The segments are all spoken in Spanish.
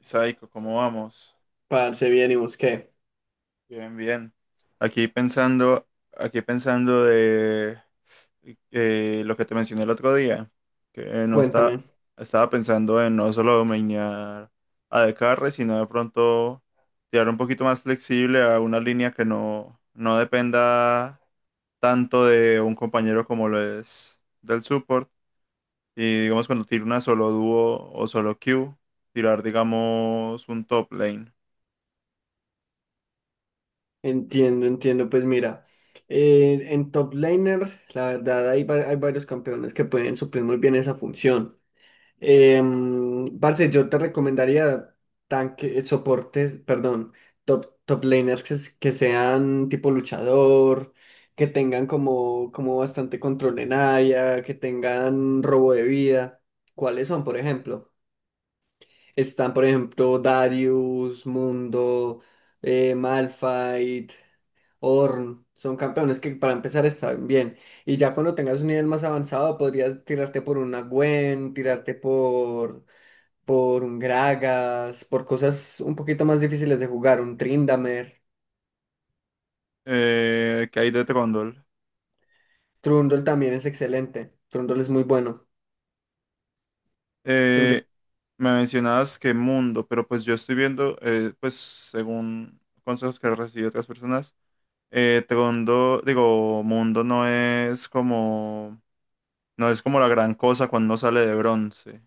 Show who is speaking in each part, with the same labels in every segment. Speaker 1: Saiko, ¿cómo vamos?
Speaker 2: Parce, bien, ¿y vos qué?
Speaker 1: Bien, bien. Aquí pensando, aquí pensando de lo que te mencioné el otro día, que no
Speaker 2: Cuéntame.
Speaker 1: está, estaba pensando en no solo dominar a Descartes, sino de pronto tirar un poquito más flexible a una línea que no dependa tanto de un compañero como lo es del support. Y digamos cuando tiro una solo dúo o solo Q, tirar digamos un top lane.
Speaker 2: Entiendo, entiendo. Pues mira, en top laner, la verdad, hay varios campeones que pueden suplir muy bien esa función. Parce, yo te recomendaría tanque, soportes, perdón, top, top laners que sean tipo luchador, que tengan como, como bastante control en área, que tengan robo de vida. ¿Cuáles son, por ejemplo? Están, por ejemplo, Darius, Mundo, Malphite, Ornn. Son campeones que para empezar están bien. Y ya cuando tengas un nivel más avanzado, podrías tirarte por una Gwen, tirarte por un Gragas, por cosas un poquito más difíciles de jugar, un Trindamer.
Speaker 1: ¿Que hay de Trondol?
Speaker 2: Trundle también es excelente. Trundle es muy bueno. Trundle-
Speaker 1: Eh, Me mencionabas que mundo, pero pues yo estoy viendo, pues según consejos que recibí de otras personas, mundo no es como, no es como la gran cosa cuando uno sale de bronce.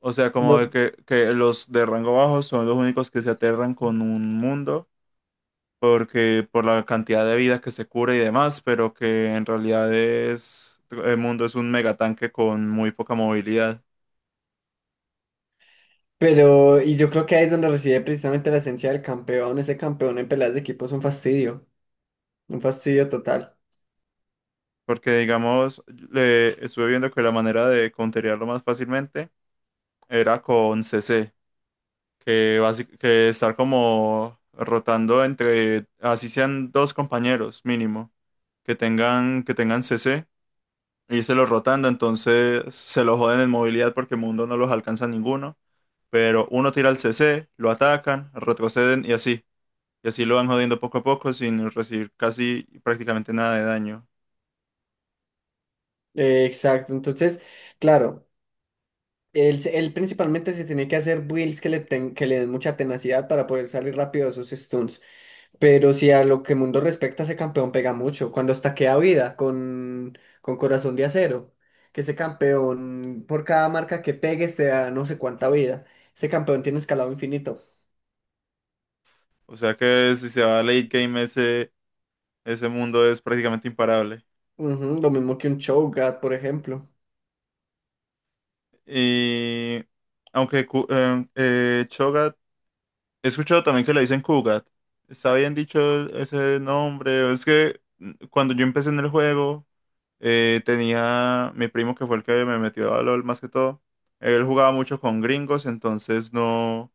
Speaker 1: O sea, como de
Speaker 2: no,
Speaker 1: que los de rango bajo son los únicos que se aterran con un mundo, porque por la cantidad de vida que se cura y demás, pero que en realidad es, el mundo es un megatanque con muy poca movilidad.
Speaker 2: pero, y yo creo que ahí es donde reside precisamente la esencia del campeón. Ese campeón en peleas de equipo es un fastidio total.
Speaker 1: Porque, digamos, le estuve viendo que la manera de counterearlo más fácilmente era con CC, que estar como rotando entre, así sean dos compañeros mínimo, que tengan CC, y se los rotando, entonces se lo joden en movilidad porque Mundo no los alcanza ninguno, pero uno tira el CC, lo atacan, retroceden y así lo van jodiendo poco a poco sin recibir casi prácticamente nada de daño.
Speaker 2: Exacto, entonces, claro, él principalmente se tiene que hacer builds que le den mucha tenacidad para poder salir rápido de esos stuns. Pero si a lo que Mundo respecta, ese campeón pega mucho. Cuando estaquea vida con Corazón de Acero, que ese campeón, por cada marca que pegues, te da no sé cuánta vida. Ese campeón tiene escalado infinito.
Speaker 1: O sea que si se va a late game ese, ese mundo es prácticamente imparable.
Speaker 2: Ujú, lo mismo que un Cho'Gath, por ejemplo.
Speaker 1: Y aunque Cho'Gath, he escuchado también que le dicen Kugat. ¿Está bien dicho ese nombre? Es que mm, cuando yo empecé en el juego, tenía mi primo que fue el que me metió a LOL más que todo. Él jugaba mucho con gringos, entonces no,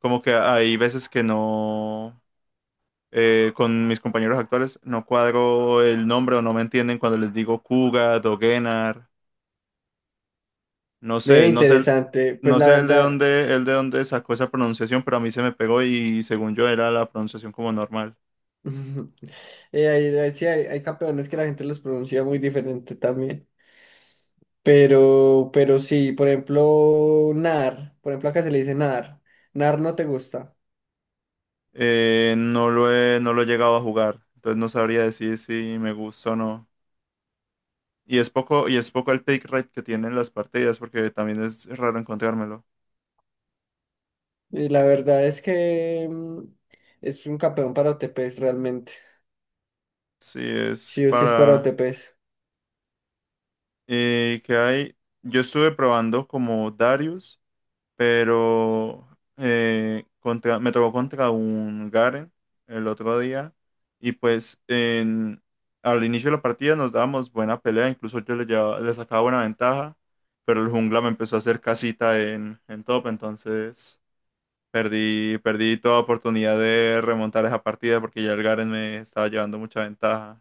Speaker 1: como que hay veces que no, con mis compañeros actuales no cuadro el nombre o no me entienden cuando les digo Kugat o Gennar. No
Speaker 2: Ve,
Speaker 1: sé, no sé,
Speaker 2: interesante. Pues
Speaker 1: no
Speaker 2: la
Speaker 1: sé
Speaker 2: verdad.
Speaker 1: el de dónde sacó esa pronunciación, pero a mí se me pegó y según yo era la pronunciación como normal.
Speaker 2: Ujú. Sí, hay campeones que la gente los pronuncia muy diferente también. Pero sí, por ejemplo, Nar. Por ejemplo, acá se le dice Nar. Nar no te gusta.
Speaker 1: No lo he llegado a jugar, entonces no sabría decir si me gusta o no. Y es poco el pick rate que tienen las partidas, porque también es raro encontrármelo.
Speaker 2: Y la verdad es que es un campeón para OTPs realmente.
Speaker 1: Sí, es
Speaker 2: Sí o sí es para
Speaker 1: para...
Speaker 2: OTPs.
Speaker 1: ¿Que hay? Yo estuve probando como Darius, pero contra, me tocó contra un Garen el otro día y pues en- al inicio de la partida nos dábamos buena pelea, incluso yo le sacaba buena ventaja, pero el jungla me empezó a hacer casita en top, entonces perdí toda oportunidad de remontar esa partida porque ya el Garen me estaba llevando mucha ventaja.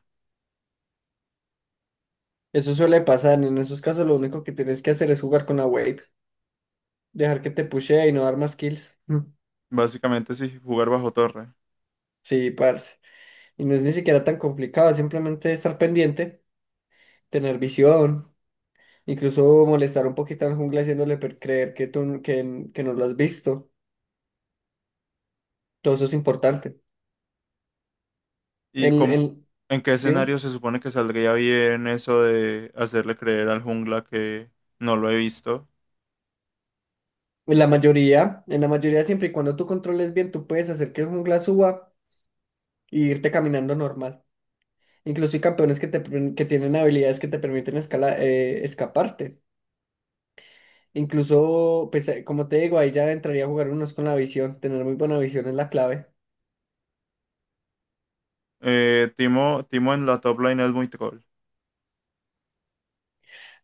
Speaker 2: Eso suele pasar. En esos casos lo único que tienes que hacer es jugar con la wave. Dejar que te pushee y no dar más kills. Mm.
Speaker 1: Básicamente sí, jugar bajo torre.
Speaker 2: Sí, parce. Y no es ni siquiera tan complicado, simplemente estar pendiente, tener visión. Incluso molestar un poquito al jungla creer que no lo has visto. Todo eso es importante.
Speaker 1: ¿Y
Speaker 2: En,
Speaker 1: cómo-
Speaker 2: en-
Speaker 1: ¿En qué
Speaker 2: Dime,
Speaker 1: escenario se supone que saldría bien eso de hacerle creer al jungla que no lo he visto?
Speaker 2: en la mayoría siempre y cuando tú controles bien, tú puedes hacer que el jungla suba e irte caminando normal. Incluso hay campeones que tienen habilidades que te permiten escaparte. Incluso, pues, como te digo, ahí ya entraría a jugar unos con la visión. Tener muy buena visión es la clave.
Speaker 1: Timo en la top lane es muy troll.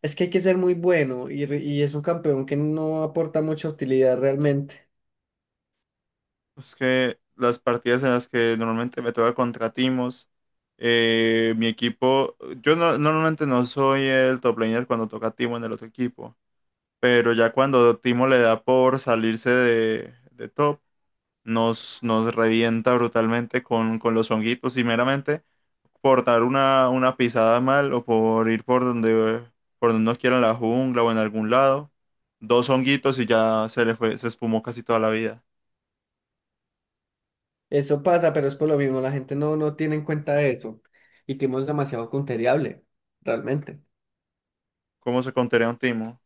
Speaker 2: Es que hay que ser muy bueno y es un campeón que no aporta mucha utilidad realmente.
Speaker 1: Es que las partidas en las que normalmente me toca contra Timos, mi equipo, yo no- normalmente no soy el top laner cuando toca Timo en el otro equipo, pero ya cuando Timo le da por salirse de top, nos revienta brutalmente con los honguitos y meramente. Por dar una pisada mal o por ir por donde nos quieran la jungla o en algún lado. Dos honguitos y ya se le fue, se esfumó casi toda la vida.
Speaker 2: Eso pasa, pero es por lo mismo, la gente no tiene en cuenta eso. Y Timo es demasiado contereable, realmente.
Speaker 1: ¿Cómo se contaría un timo?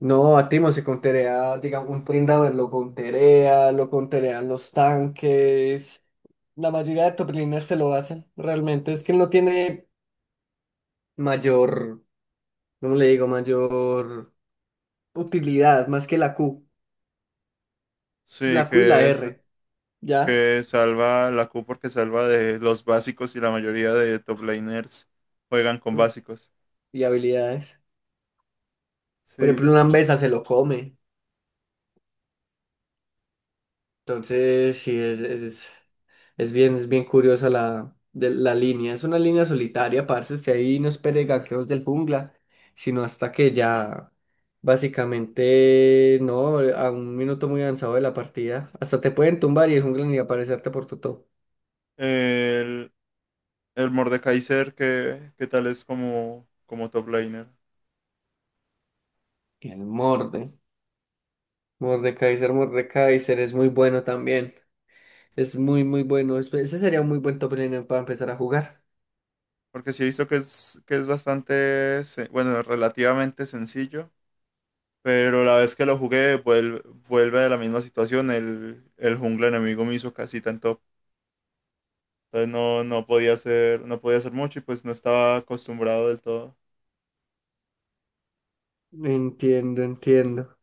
Speaker 2: No, a Timo se conterea, digamos, un Prindaver lo conterea, lo conterean los tanques. La mayoría de top laners se lo hacen, realmente. Es que él no tiene mayor, ¿cómo le digo? Mayor utilidad, más que la Q.
Speaker 1: Sí,
Speaker 2: La Q y la
Speaker 1: que, es-
Speaker 2: R, ¿ya?
Speaker 1: que salva la Q porque salva de los básicos y la mayoría de top laners juegan con básicos.
Speaker 2: Y habilidades. Por ejemplo,
Speaker 1: Sí.
Speaker 2: una Ambesa se lo come. Entonces, sí, es bien, es bien curiosa la línea. Es una línea solitaria, parce. Usted ahí no espere ganqueos del jungla, sino hasta que ya básicamente no, a un minuto muy avanzado de la partida. Hasta te pueden tumbar y el jungla ni aparecerte por tu top.
Speaker 1: El, el Mordekaiser, ¿qué qué tal es como, como top laner?
Speaker 2: Y el morde. Mordekaiser es muy bueno también. Es muy, muy bueno. Ese sería un muy buen top laner para empezar a jugar.
Speaker 1: Porque sí he visto que es, bueno, relativamente sencillo. Pero la vez que lo jugué, vuelve a la misma situación. El jungla enemigo me hizo casi tanto. Entonces no, no podía hacer mucho y pues no estaba acostumbrado del todo.
Speaker 2: Entiendo, entiendo.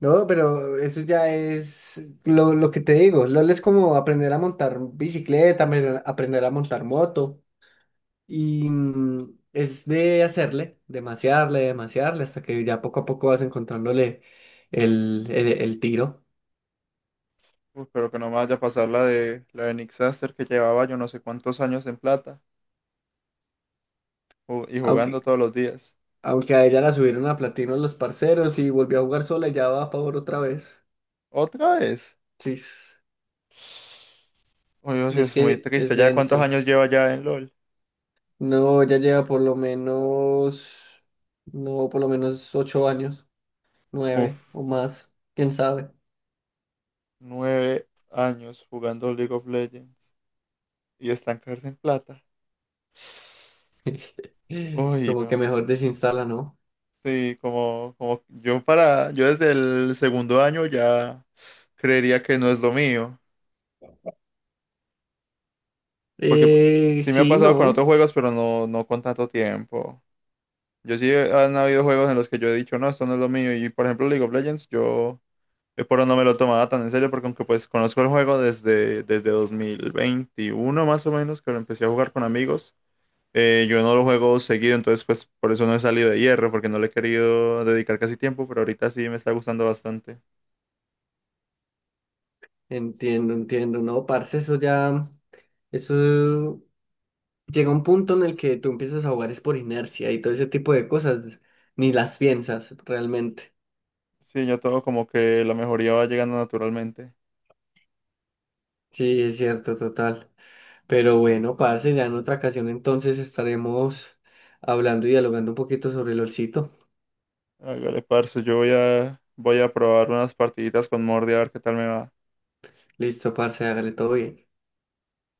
Speaker 2: No, pero eso ya es lo que te digo. LOL es como aprender a montar bicicleta, aprender a montar moto. Y es de hacerle, de masearle, hasta que ya poco a poco vas encontrándole el tiro.
Speaker 1: Uf, pero que no me vaya a pasar la de Nick Saster, que llevaba yo no sé cuántos años en plata y jugando
Speaker 2: Aunque,
Speaker 1: todos los días.
Speaker 2: aunque a ella la subieron a platino los parceros y volvió a jugar sola y ya va a favor otra vez.
Speaker 1: ¿Otra vez?
Speaker 2: Sí.
Speaker 1: Oye, sí,
Speaker 2: Y es
Speaker 1: es muy
Speaker 2: que es
Speaker 1: triste. ¿Ya cuántos
Speaker 2: denso.
Speaker 1: años lleva ya en LOL?
Speaker 2: No, ya lleva por lo menos, no, por lo menos ocho años,
Speaker 1: Uf,
Speaker 2: nueve o más, quién sabe.
Speaker 1: nueve años jugando League of Legends y estancarse en plata. Uy,
Speaker 2: Como que
Speaker 1: no.
Speaker 2: mejor desinstala, ¿no?
Speaker 1: Sí, como, como yo para, yo desde el segundo año ya creería que no es lo mío, porque pu- sí me ha
Speaker 2: Sí,
Speaker 1: pasado con
Speaker 2: no,
Speaker 1: otros juegos, pero no, no con tanto tiempo. Han habido juegos en los que yo he dicho, no, esto no es lo mío, y por ejemplo League of Legends, yo por ahora no me lo tomaba tan en serio, porque aunque pues conozco el juego desde, desde 2021 más o menos, que lo empecé a jugar con amigos, yo no lo juego seguido, entonces pues por eso no he salido de hierro, porque no le he querido dedicar casi tiempo, pero ahorita sí me está gustando bastante.
Speaker 2: entiendo, entiendo, no, parce, eso ya, eso llega un punto en el que tú empiezas a jugar es por inercia y todo ese tipo de cosas, ni las piensas realmente.
Speaker 1: Sí, ya todo como que la mejoría va llegando naturalmente.
Speaker 2: Sí, es cierto, total. Pero bueno, parce, ya en otra ocasión entonces estaremos hablando y dialogando un poquito sobre el olcito.
Speaker 1: Hágale, parce, voy a probar unas partiditas con Mordi a ver qué tal me va.
Speaker 2: Listo, parce, hágale todo bien.